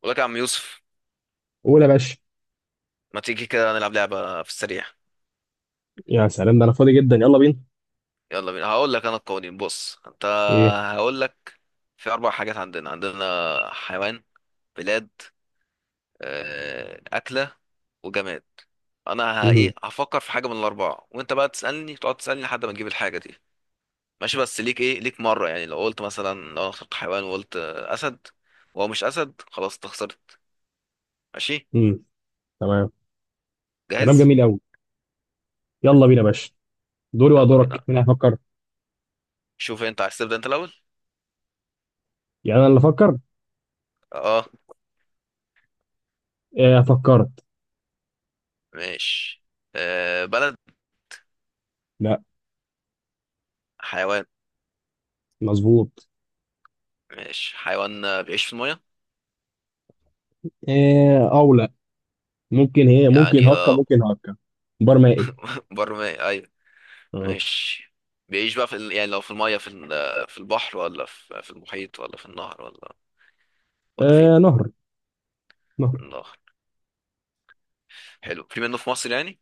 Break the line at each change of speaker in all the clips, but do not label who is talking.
بقول لك يا عم يوسف.
قول يا باشا.
ما تيجي كده نلعب لعبة في السريع؟
يا سلام، ده انا فاضي جدا، يلا بينا.
يلا بينا، هقول لك انا القوانين. بص انت،
ايه؟
هقول لك في اربع حاجات عندنا: حيوان، بلاد، اكلة، وجماد. انا ه-
امم
ايه هفكر في حاجة من الاربعة، وانت بقى تقعد تسألني لحد ما تجيب الحاجة دي. ماشي؟ بس ليك ايه، ليك مرة. يعني لو قلت مثلا، لو انا اخترت حيوان وقلت اسد، وهو مش اسد، خلاص انت خسرت. ماشي؟
امم تمام كلام
جاهز؟
جميل قوي. يلا بينا يا باشا، دوري
يلا
ودورك
بينا.
مين هيفكر؟
شوف انت عايز تبدأ انت الاول.
يعني انا اللي افكر؟
اه،
إيه فكرت؟
ماشي. بلد؟
لا.
حيوان؟
مظبوط.
ماشي حيوان. بيعيش في المية؟
إيه او لا؟ ممكن هي ممكن
يعني
هكا ممكن هكا. بار مائي.
بر مية، أيوة.
اه.
ماشي. بيعيش بقى يعني لو في المية، في ال... آه، في البحر، في المحيط، ولا في النهر، ولا فين؟
نهر. نهر.
النهر. حلو، في منه في مصر يعني؟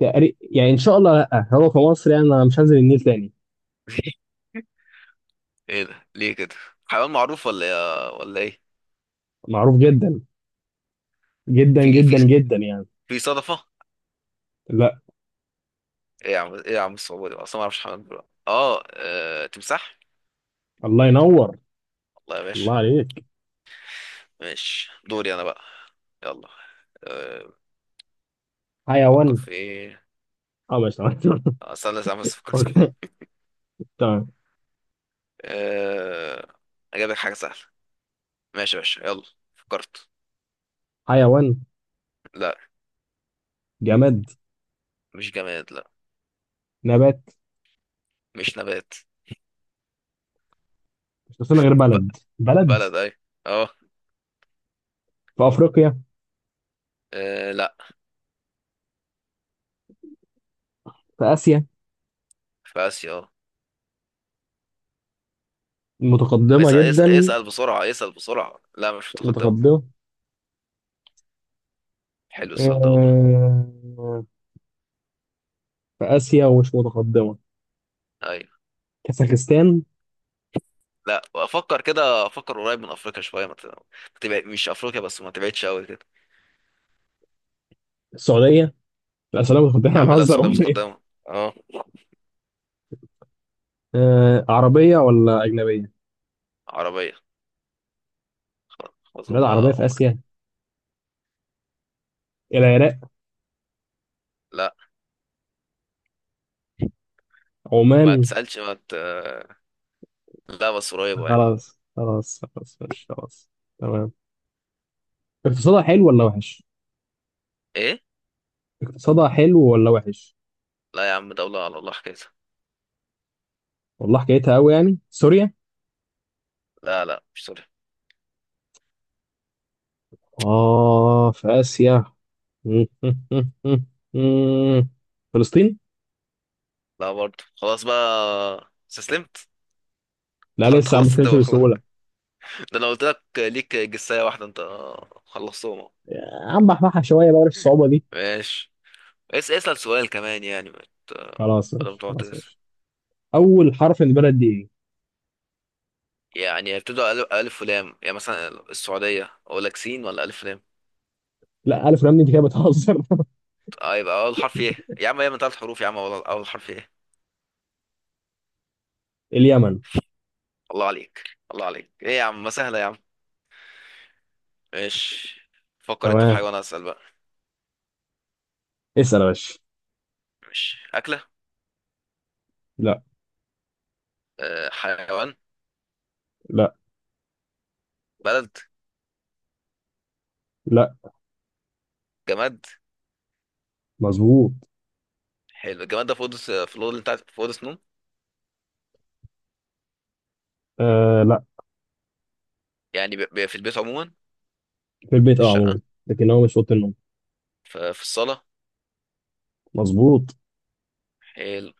تقريبا يعني، ان شاء الله، لا هو في مصر يعني انا مش هنزل النيل تاني.
ايه ده ليه كده؟ حيوان معروف ولا ايه؟
معروف جدا. جدا
في
جدا
في
جدا يعني.
في صدفة؟
لا.
ايه يا عم، ايه يا عم، الصعوبة دي اصلا، ما اعرفش حيوان بقى. تمساح.
الله ينور.
الله يا
الله
باشا.
عليك.
ماشي، دوري انا بقى. يلا. آه، بفكر
حيوان.
في ايه.
اه ماشي تمام.
استنى استنى بس افكر.
أوكي. تمام.
أه... أجيب لك حاجة سهلة. ماشي يا باشا، يلا فكرت.
حيوان.
لا.
جماد.
مش جماد، لا.
نبات.
مش نبات.
مش ناقصنا غير
ب...
بلد. بلد.
بلد، أي. أه
في افريقيا.
لا.
في اسيا.
في آسيا،
متقدمه
اسأل،
جدا.
اسأل بسرعة، لا مش متقدمة.
متقدمه.
حلو السؤال ده والله.
آه، في اسيا ومش متقدمه.
أيوة.
كازاخستان.
لا أفكر كده، قريب من أفريقيا شوية، ما تبعد. مش أفريقيا، بس ما تبعدش أوي كده.
السعوديه. لا سلام،
يا
متقدمه،
عم لا،
هنهزر
السعودية
ولا ايه؟
متقدمة. أه.
عربيه ولا اجنبيه؟
عربية. خلاص،
بلاد عربيه في اسيا. العراق.
لا. ما
عمان.
تسألش ما ت... لا، بس قريبة يعني.
خلاص خلاص خلاص ماشي خلاص. تمام. اقتصادها حلو ولا وحش؟
إيه؟
اقتصادها حلو ولا وحش؟
لا يا عم، دولة على الله حكاية.
والله حكايتها قوي يعني. سوريا.
لا لا، مش سوريا.
اه في اسيا. فلسطين؟
لا برضه، خلاص بقى استسلمت.
لا
انت
لسه عم
خلصت
بفهمش
الدول خلاص.
بسهولة.
ده انا قلت لك ليك جساية واحدة انت، خلصتهم أهو.
عم بحبحها شوية بقى في الصعوبة دي.
ماشي. اسأل سؤال كمان يعني، ما ت-
خلاص
بدل ما
ماشي،
تقعد
خلاص
تجس.
ماشي. أول حرف من البلد دي إيه؟
يعني يبتدوا ألف ولام يعني؟ مثلا السعودية، أقول لك سين ولا ألف ولام؟
لا، ألف لام دي أنت كده بتهزر.
يبقى أول حرف إيه؟ يا عم هي من ثلاث حروف يا عم، أول حرف إيه؟
اليمن.
الله عليك، الله عليك. إيه يا عم، ما سهلة يا عم. ماشي، فكر أنت في
تمام.
حيوان، أسأل بقى.
اسأل يا باشا.
ماشي. أكلة؟
لا.
حيوان؟
لا.
بلد؟
لا.
جماد؟
مظبوط.
حلو. الجمال ده في اوضه، في الاوضه اللي انت في اوضه نوم؟
آه لا.
يعني في البيت عموما،
في البيت
في
اه
الشقه،
عموما. لكن هو مش في أوضة النوم.
في الصاله.
مظبوط.
حلو.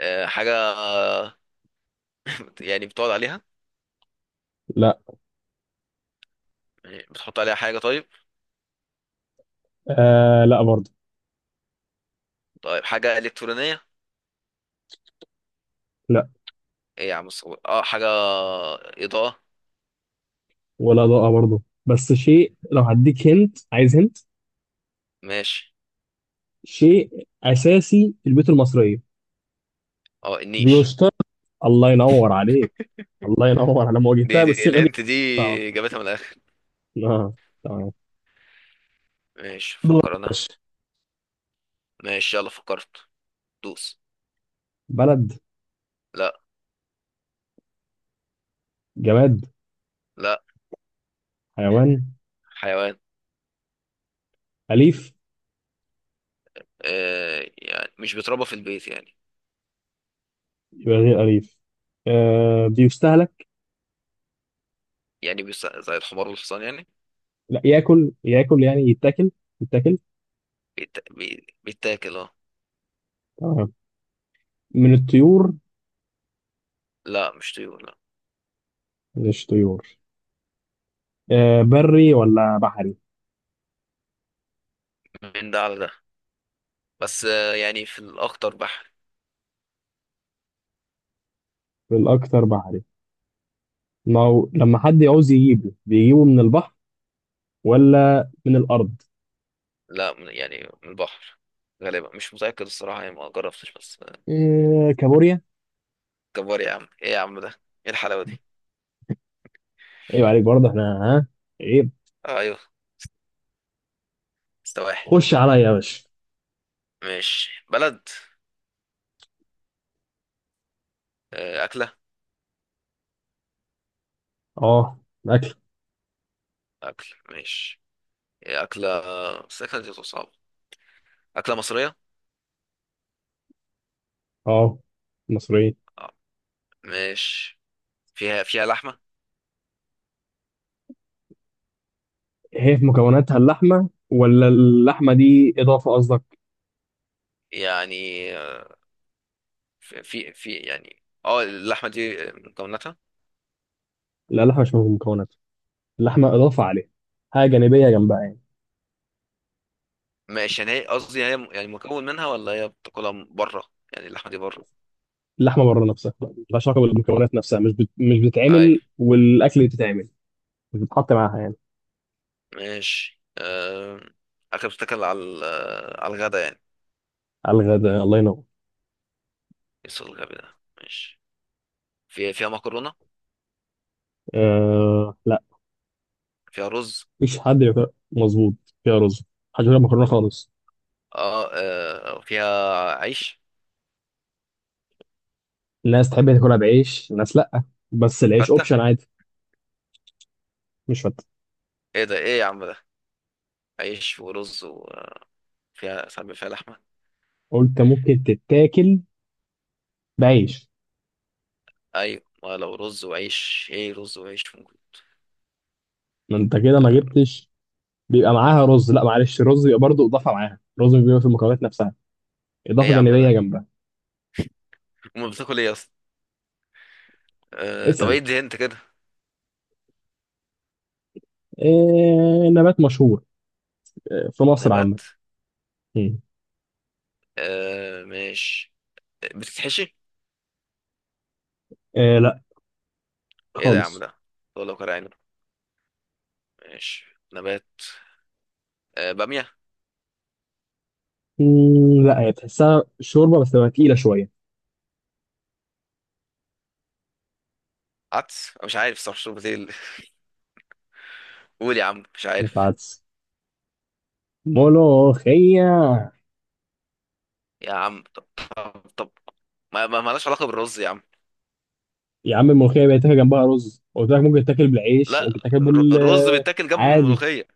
حاجه؟ يعني بتقعد عليها؟
لا.
يعني بتحط عليها حاجه؟ طيب،
آه لا برضه.
طيب حاجه الكترونيه؟
لا
ايه يا عم، الصور، حاجه اضاءه؟
ولا ضاءة برضه، بس شيء لو هديك هنت عايز هنت.
ماشي،
شيء أساسي في البيوت المصرية.
اه النيش.
بيشترط. الله ينور عليك. الله ينور، انا ما
دي,
واجهتها
دي
بالصيغه دي.
الهنت دي،
صعب.
جابتها من الاخر.
اه. تمام.
ماشي،
دور
فكر
يا
انا.
باشا.
ماشي يلا فكرت. دوس.
بلد.
لا.
جماد.
لا.
حيوان.
حيوان.
اليف.
آه، يعني مش بيتربى في البيت يعني؟
يبقى غير اليف. آه بيستهلك.
يعني زي الحمار والحصان يعني؟
لا، ياكل ياكل يعني، يتاكل. يتاكل.
بيتاكل،
تمام. من الطيور.
لا مش طيور لا.
مش طيور. آه بري ولا بحري؟
من ده على ده، بس يعني في الأخطر بحر.
الاكثر بحري. ما هو لما حد يعوز يجيبه بيجيبه من البحر ولا من الارض.
لا، من البحر غالبا، مش متأكد الصراحة يعني، ما جربتش بس
آه كابوريا.
كبار يا عم، ايه يا عم ده؟ ايه الحلاوة دي؟
ايوه عليك برضه، احنا ها. ايه؟
ايوه. سواحل.
خش عليا يا باشا.
ماشي. بلد؟ أكلة؟
اه. اكل.
أكل، ماشي. إيه أكلة، بس الأكلة دي بتبقى صعبة. أكلة مصرية.
اه مصرية.
آه، ماشي. فيها لحمة.
هي في مكوناتها اللحمة ولا اللحمة دي إضافة قصدك؟
يعني يعني اللحمة دي من مكوناتها.
لا، اللحمة مش في المكونات. اللحمة إضافة عليها، حاجة جانبية جنبها يعني.
ماشي، يعني هي قصدي، يعني هي يعني مكون منها، ولا هي بتاكلها بره؟ يعني اللحمه دي بره.
اللحمة بره نفسها، ملهاش علاقة بالمكونات نفسها، مش
اي،
بتتعمل والأكل بتتعمل. مش بتتحط معاها يعني.
ماشي. اكل بتتاكل على على الغدا يعني؟
على الغداء، الله ينور.
يسوع الغبي ده. ماشي. فيها مكرونه؟
لا.
فيها رز؟
مفيش حد بياكل. مظبوط. فيها رز. محدش بياكل مكرونة خالص.
فيها عيش؟
الناس تحب تاكلها بعيش، الناس لا، بس العيش
فته؟
أوبشن عادي. مش فاتح.
ايه ده، ايه يا عم ده؟ عيش ورز، وفيها ساعات بيبقى فيها لحمه.
قلت ممكن تتاكل بعيش.
ايوه، ما لو رز وعيش، ايه، رز وعيش ممكن.
ما انت كده ما
آه...
جبتش. بيبقى معاها رز، لا معلش الرز بيبقى برضه اضافه معاها، الرز بيبقى في المكونات نفسها،
ايه
اضافه
يا عم
جانبيه
ده؟
جنبها.
امال بتاكل ايه اصلا؟ طب
اسال.
ايه دي انت كده.
إيه نبات مشهور؟ إيه في مصر عامه.
نبات.
مم.
ماشي. بتتحشي؟
إيه لا.
ايه ده يا عم
خالص.
ده؟ طول، لو كان عنب. ماشي، نبات. بامية؟
لا، هي تحسها شوربه بس تبقى تقيله شويه.
عدس؟ أنا مش عارف صراحة، شرب بتقول؟ قول يا عم، مش
مش
عارف.
عدس. ملوخيه.
يا عم طب، طب، ما مالهاش علاقة بالرز يا عم.
يا عم الملوخيه بيتاكل جنبها رز، قلت لك ممكن تاكل بالعيش
لا،
ممكن تاكل بال
الرز بيتاكل جنب
عادي.
الملوخية.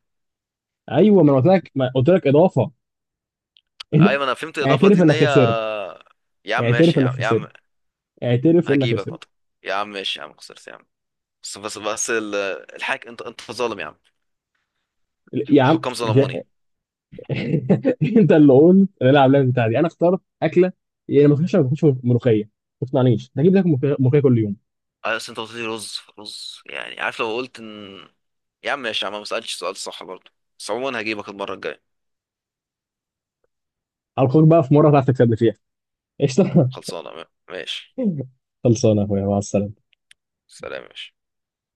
ايوه، ما انا قلت لك ما قلت لك اضافه.
ايوه انا فهمت الإضافة
اعترف
دي ان
انك
هي.
خسرت.
يا عم
اعترف
ماشي يا
انك
عم، يا
خسرت.
عم
اعترف انك
هجيبك
خسرت.
مطر. يا عم ماشي يا عم، خسرت يا عم. بس بس بس الحاج، انت ظالم يا عم.
يا عم
الحكام
مش
ظلموني.
انت اللي قلت نلعب اللعبه بتاعتي دي، انا اخترت اكله. يعني ما تخش ما تخش ملوخيه. ما تقنعنيش، هجيب لك ملوخيه، ملوخية كل يوم.
اصل انت قلت لي رز، يعني عارف، لو قلت ان. يا عم ماشي يا عم، ما سألتش سؤال صح برضه. بس عموما هجيبك المرة الجاية.
على الخير بقى، في مره هتعرف تكسبني فيها. قشطه.
خلصانة ماشي.
خلصانه يا اخويا، مع السلامه.
سلام يا باشا.